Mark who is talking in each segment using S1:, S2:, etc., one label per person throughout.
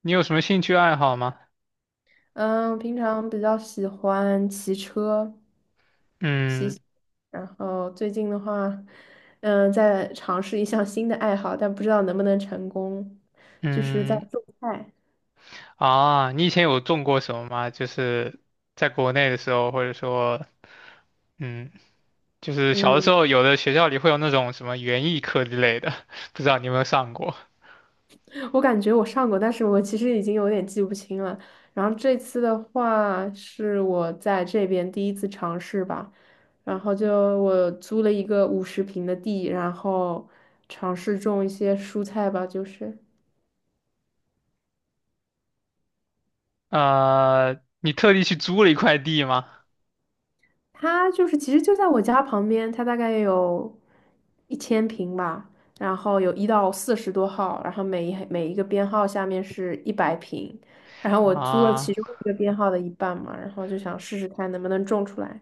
S1: 你有什么兴趣爱好吗？
S2: 嗯，平常比较喜欢骑车，骑
S1: 嗯
S2: 行，然后最近的话，在尝试一项新的爱好，但不知道能不能成功，就是在
S1: 嗯。
S2: 种菜。
S1: 啊，你以前有种过什么吗？就是在国内的时候，或者说，嗯，就是小的时
S2: 嗯，
S1: 候，有的学校里会有那种什么园艺课之类的，不知道你有没有上过？
S2: 我感觉我上过，但是我其实已经有点记不清了。然后这次的话是我在这边第一次尝试吧，然后就我租了一个50平的地，然后尝试种一些蔬菜吧，就是。
S1: 你特地去租了一块地吗？
S2: 它就是其实就在我家旁边，它大概有1000平吧，然后有1到40多号，然后每一个编号下面是100平，然后我租了
S1: 啊，
S2: 其中一个编号的一半嘛，然后就想试试看能不能种出来。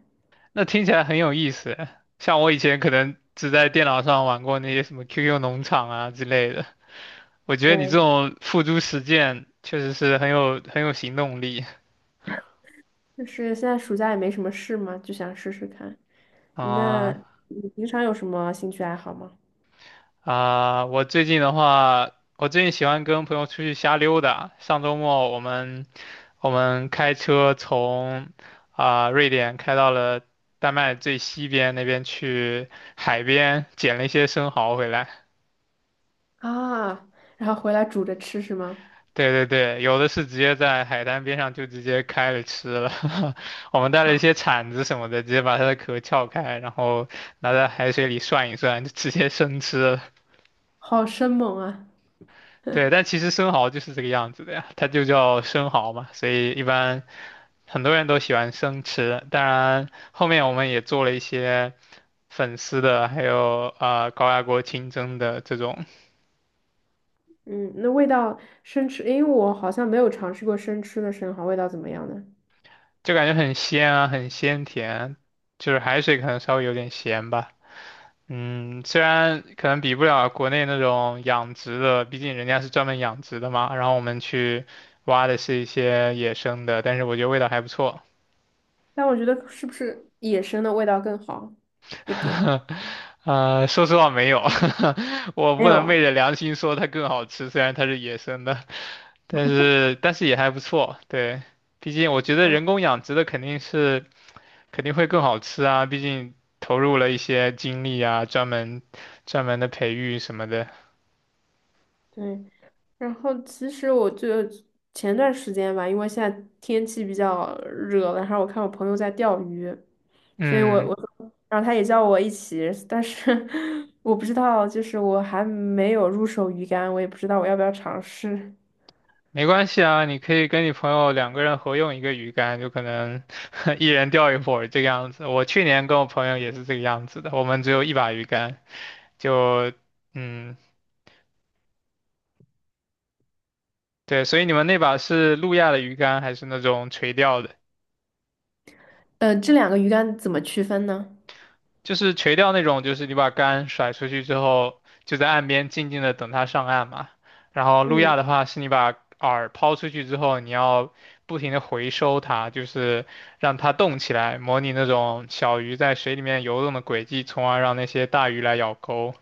S1: 那听起来很有意思。像我以前可能只在电脑上玩过那些什么 QQ 农场啊之类的。我觉得你这
S2: 对，
S1: 种付诸实践确实是很有行动力。
S2: 就是现在暑假也没什么事嘛，就想试试看。那
S1: 啊
S2: 你平常有什么兴趣爱好吗？
S1: 啊！我最近喜欢跟朋友出去瞎溜达。上周末我们开车从瑞典开到了丹麦最西边那边去海边捡了一些生蚝回来。
S2: 啊，然后回来煮着吃是吗？
S1: 对对对，有的是直接在海滩边上就直接开了吃了。我们带了一些铲子什么的，直接把它的壳撬开，然后拿在海水里涮一涮，就直接生吃了。
S2: 好生猛啊！
S1: 对，但其实生蚝就是这个样子的呀，它就叫生蚝嘛，所以一般很多人都喜欢生吃。当然，后面我们也做了一些粉丝的，还有高压锅清蒸的这种，
S2: 嗯，那味道生吃，因为我好像没有尝试过生吃的生蚝，味道怎么样呢？
S1: 就感觉很鲜啊，很鲜甜，就是海水可能稍微有点咸吧。虽然可能比不了国内那种养殖的，毕竟人家是专门养殖的嘛，然后我们去挖的是一些野生的，但是我觉得味道还不错。
S2: 但我觉得是不是野生的味道更好一点？
S1: 啊，说实话没有。我
S2: 没
S1: 不能昧
S2: 有，
S1: 着良心说它更好吃，虽然它是野生的，但是也还不错。对，毕竟我觉得
S2: 嗯，
S1: 人工养殖的肯定会更好吃啊，毕竟投入了一些精力啊，专门的培育什么的。
S2: 对。然后其实我就前段时间吧，因为现在天气比较热了然后我看我朋友在钓鱼，所以
S1: 嗯。
S2: 然后他也叫我一起，但是 我不知道，就是我还没有入手鱼竿，我也不知道我要不要尝试。
S1: 没关系啊，你可以跟你朋友两个人合用一个鱼竿，就可能 一人钓一会儿这个样子。我去年跟我朋友也是这个样子的，我们只有一把鱼竿，就嗯，对，所以你们那把是路亚的鱼竿还是那种垂钓的？
S2: 这两个鱼竿怎么区分呢？
S1: 就是垂钓那种，就是你把竿甩出去之后，就在岸边静静的等它上岸嘛。然后路
S2: 嗯。
S1: 亚的话，是你把饵抛出去之后，你要不停的回收它，就是让它动起来，模拟那种小鱼在水里面游动的轨迹，从而让那些大鱼来咬钩。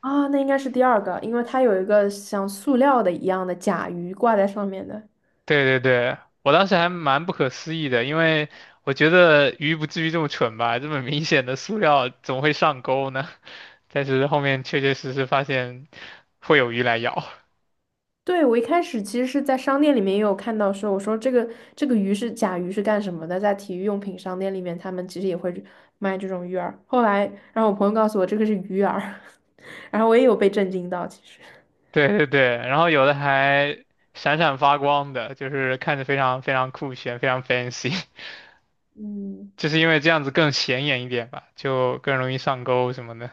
S2: 啊，那应该是第二个，因为它有一个像塑料的一样的甲鱼挂在上面的。
S1: 对对对，我当时还蛮不可思议的，因为我觉得鱼不至于这么蠢吧，这么明显的塑料怎么会上钩呢？但是后面确确实实发现会有鱼来咬。
S2: 对，我一开始其实是在商店里面也有看到说，我说这个鱼是甲鱼是干什么的？在体育用品商店里面，他们其实也会卖这种鱼饵。后来，然后我朋友告诉我这个是鱼饵，然后我也有被震惊到，其实。
S1: 对对对，然后有的还闪闪发光的，就是看着非常非常酷炫，非常 fancy，
S2: 嗯，
S1: 就是因为这样子更显眼一点吧，就更容易上钩什么的。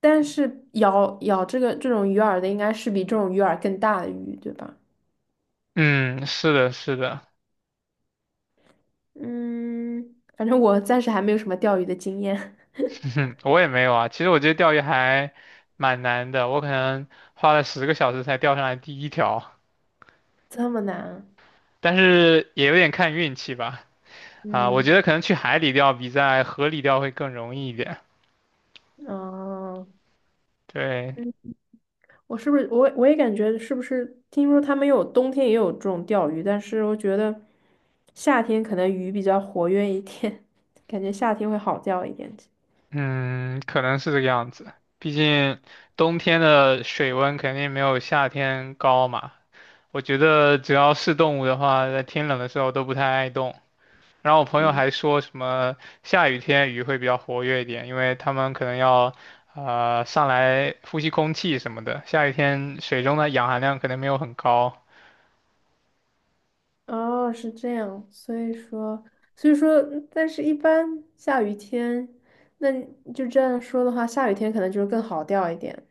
S2: 但是咬这种鱼饵的应该是比这种鱼饵更大的鱼，对吧？
S1: 嗯，是的，是的。
S2: 嗯，反正我暂时还没有什么钓鱼的经验，
S1: 我也没有啊。其实我觉得钓鱼还蛮难的，我可能花了10个小时才钓上来第一条，
S2: 这么难啊
S1: 但是也有点看运气吧。啊，我觉
S2: 嗯。
S1: 得可能去海里钓比在河里钓会更容易一点。
S2: 哦，
S1: 对。
S2: 嗯，我是不是我也感觉是不是听说他们有冬天也有这种钓鱼，但是我觉得夏天可能鱼比较活跃一点，感觉夏天会好钓一点。
S1: 嗯，可能是这个样子。毕竟冬天的水温肯定没有夏天高嘛。我觉得只要是动物的话，在天冷的时候都不太爱动。然后我朋友
S2: 对，
S1: 还说什么下雨天鱼会比较活跃一点，因为它们可能要上来呼吸空气什么的。下雨天水中的氧含量可能没有很高。
S2: 哦，是这样，所以说，但是一般下雨天，那你就这样说的话，下雨天可能就是更好钓一点。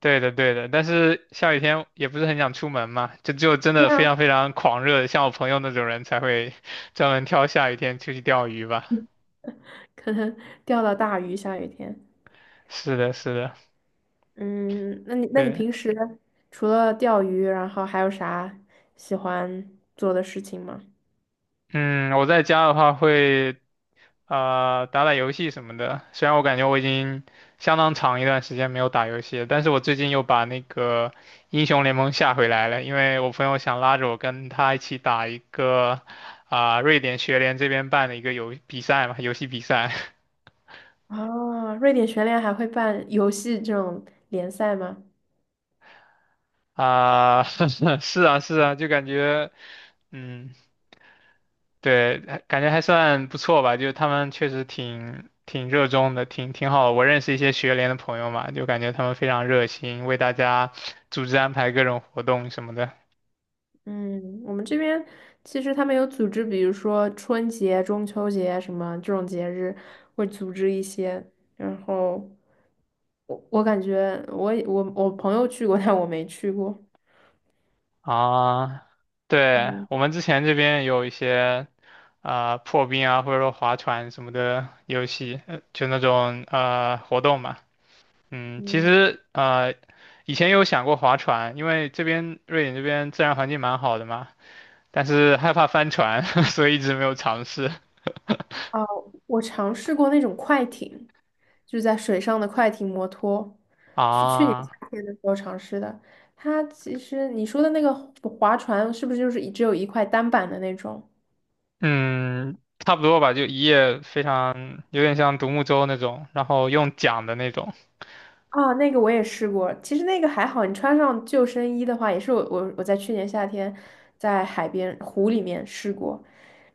S1: 对的，对的，但是下雨天也不是很想出门嘛，就只有真
S2: 对
S1: 的非
S2: 啊，
S1: 常非常狂热，像我朋友那种人才会专门挑下雨天出去钓鱼吧。
S2: 可能钓到大鱼，下雨天。
S1: 是的，是的。
S2: 嗯，那你
S1: 对。
S2: 平时除了钓鱼，然后还有啥喜欢做的事情吗？
S1: 嗯，我在家的话会打打游戏什么的，虽然我感觉我已经相当长一段时间没有打游戏了，但是我最近又把那个英雄联盟下回来了，因为我朋友想拉着我跟他一起打一个瑞典学联这边办的一个游戏比赛。
S2: 啊，瑞典全联还会办游戏这种联赛吗？
S1: 啊。是啊，是啊，就感觉，嗯，对，还感觉还算不错吧，就他们确实挺热衷的，挺好的。我认识一些学联的朋友嘛，就感觉他们非常热心，为大家组织安排各种活动什么的。
S2: 嗯，我们这边其实他们有组织，比如说春节、中秋节什么这种节日，会组织一些。然后我感觉我也我我朋友去过，但我没去过。
S1: 啊，对，
S2: 嗯
S1: 我们之前这边有一些破冰啊，或者说划船什么的游戏，就那种活动嘛。其
S2: 嗯，
S1: 实以前有想过划船，因为这边瑞典这边自然环境蛮好的嘛，但是害怕翻船，所以一直没有尝试。
S2: 哦，我尝试过那种快艇，就是在水上的快艇摩托。
S1: 啊，
S2: 是的时候尝试的。它其实你说的那个划船，是不是就是只有一块单板的那种？
S1: 嗯，差不多吧，就一夜非常有点像独木舟那种，然后用桨的那种。
S2: 啊，那个我也试过，其实那个还好，你穿上救生衣的话，也是我在去年夏天在海边湖里面试过，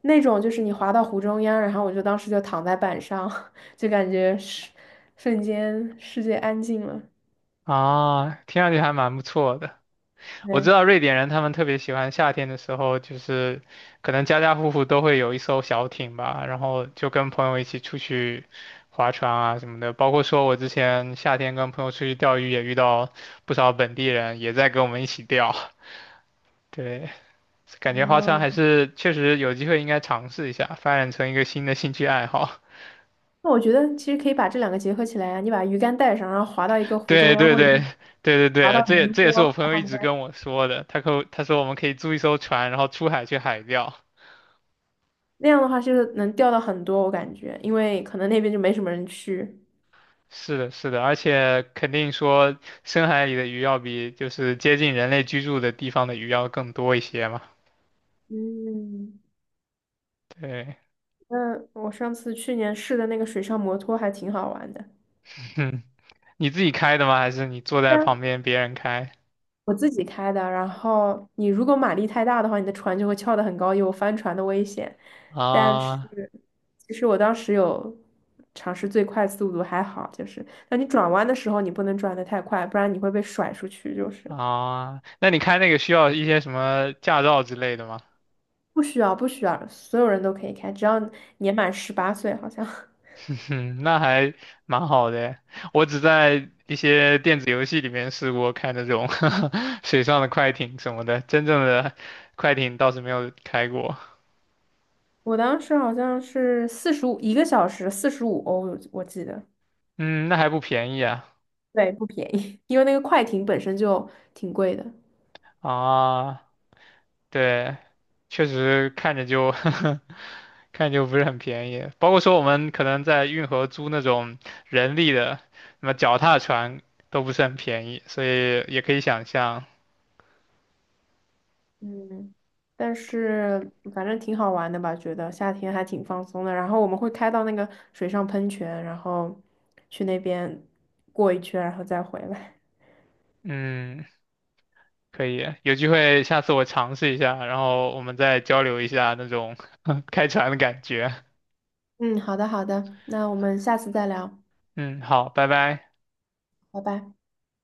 S2: 那种就是你滑到湖中央，然后我就当时就躺在板上，就感觉是瞬间世界安静了。
S1: 啊，听上去还蛮不错的。我知道
S2: 对，
S1: 瑞典人他们特别喜欢夏天的时候，就是可能家家户户都会有一艘小艇吧，然后就跟朋友一起出去划船啊什么的。包括说我之前夏天跟朋友出去钓鱼，也遇到不少本地人也在跟我们一起钓。对，感觉划船还
S2: 嗯，
S1: 是确实有机会应该尝试一下，发展成一个新的兴趣爱好。
S2: 那我觉得其实可以把这两个结合起来啊，你把鱼竿带上，然后滑到一个 湖中
S1: 对
S2: 央
S1: 对
S2: 或者
S1: 对对对
S2: 滑
S1: 对，
S2: 到
S1: 这也
S2: 湖
S1: 这也是
S2: 泊。
S1: 我朋友一直跟我说的，他说我们可以租一艘船，然后出海去海钓。
S2: 那样的话就是能钓到很多，我感觉，因为可能那边就没什么人去。
S1: 是的，是的，而且肯定说深海里的鱼要比就是接近人类居住的地方的鱼要更多一些嘛。
S2: 嗯，
S1: 对。
S2: 那我上次去年试的那个水上摩托还挺好玩的，
S1: 哼，你自己开的吗？还是你坐
S2: 对
S1: 在
S2: 啊，
S1: 旁边别人开？
S2: 我自己开的，然后你如果马力太大的话，你的船就会翘得很高，有翻船的危险。但是
S1: 啊
S2: 其实我当时有尝试最快速度，还好，就是那你转弯的时候，你不能转得太快，不然你会被甩出去。就是
S1: 啊，那你开那个需要一些什么驾照之类的吗？
S2: 不需要，不需要，所有人都可以开，只要年满18岁，好像。
S1: 嗯。那还蛮好的。我只在一些电子游戏里面试过开那种 水上的快艇什么的，真正的快艇倒是没有开过。
S2: 我当时好像是45一个小时45欧，我记得，
S1: 嗯，那还不便宜啊。
S2: 对，不便宜，因为那个快艇本身就挺贵的。
S1: 啊，对，确实看着就 看着就不是很便宜。包括说我们可能在运河租那种人力的，什么脚踏船都不是很便宜，所以也可以想象。
S2: 嗯，但是反正挺好玩的吧，觉得夏天还挺放松的。然后我们会开到那个水上喷泉，然后去那边过一圈，然后再回来。
S1: 嗯。可以，有机会下次我尝试一下，然后我们再交流一下那种 开船的感觉。
S2: 嗯，好的好的，那我们下次再聊，
S1: 嗯，好，拜拜。
S2: 拜拜。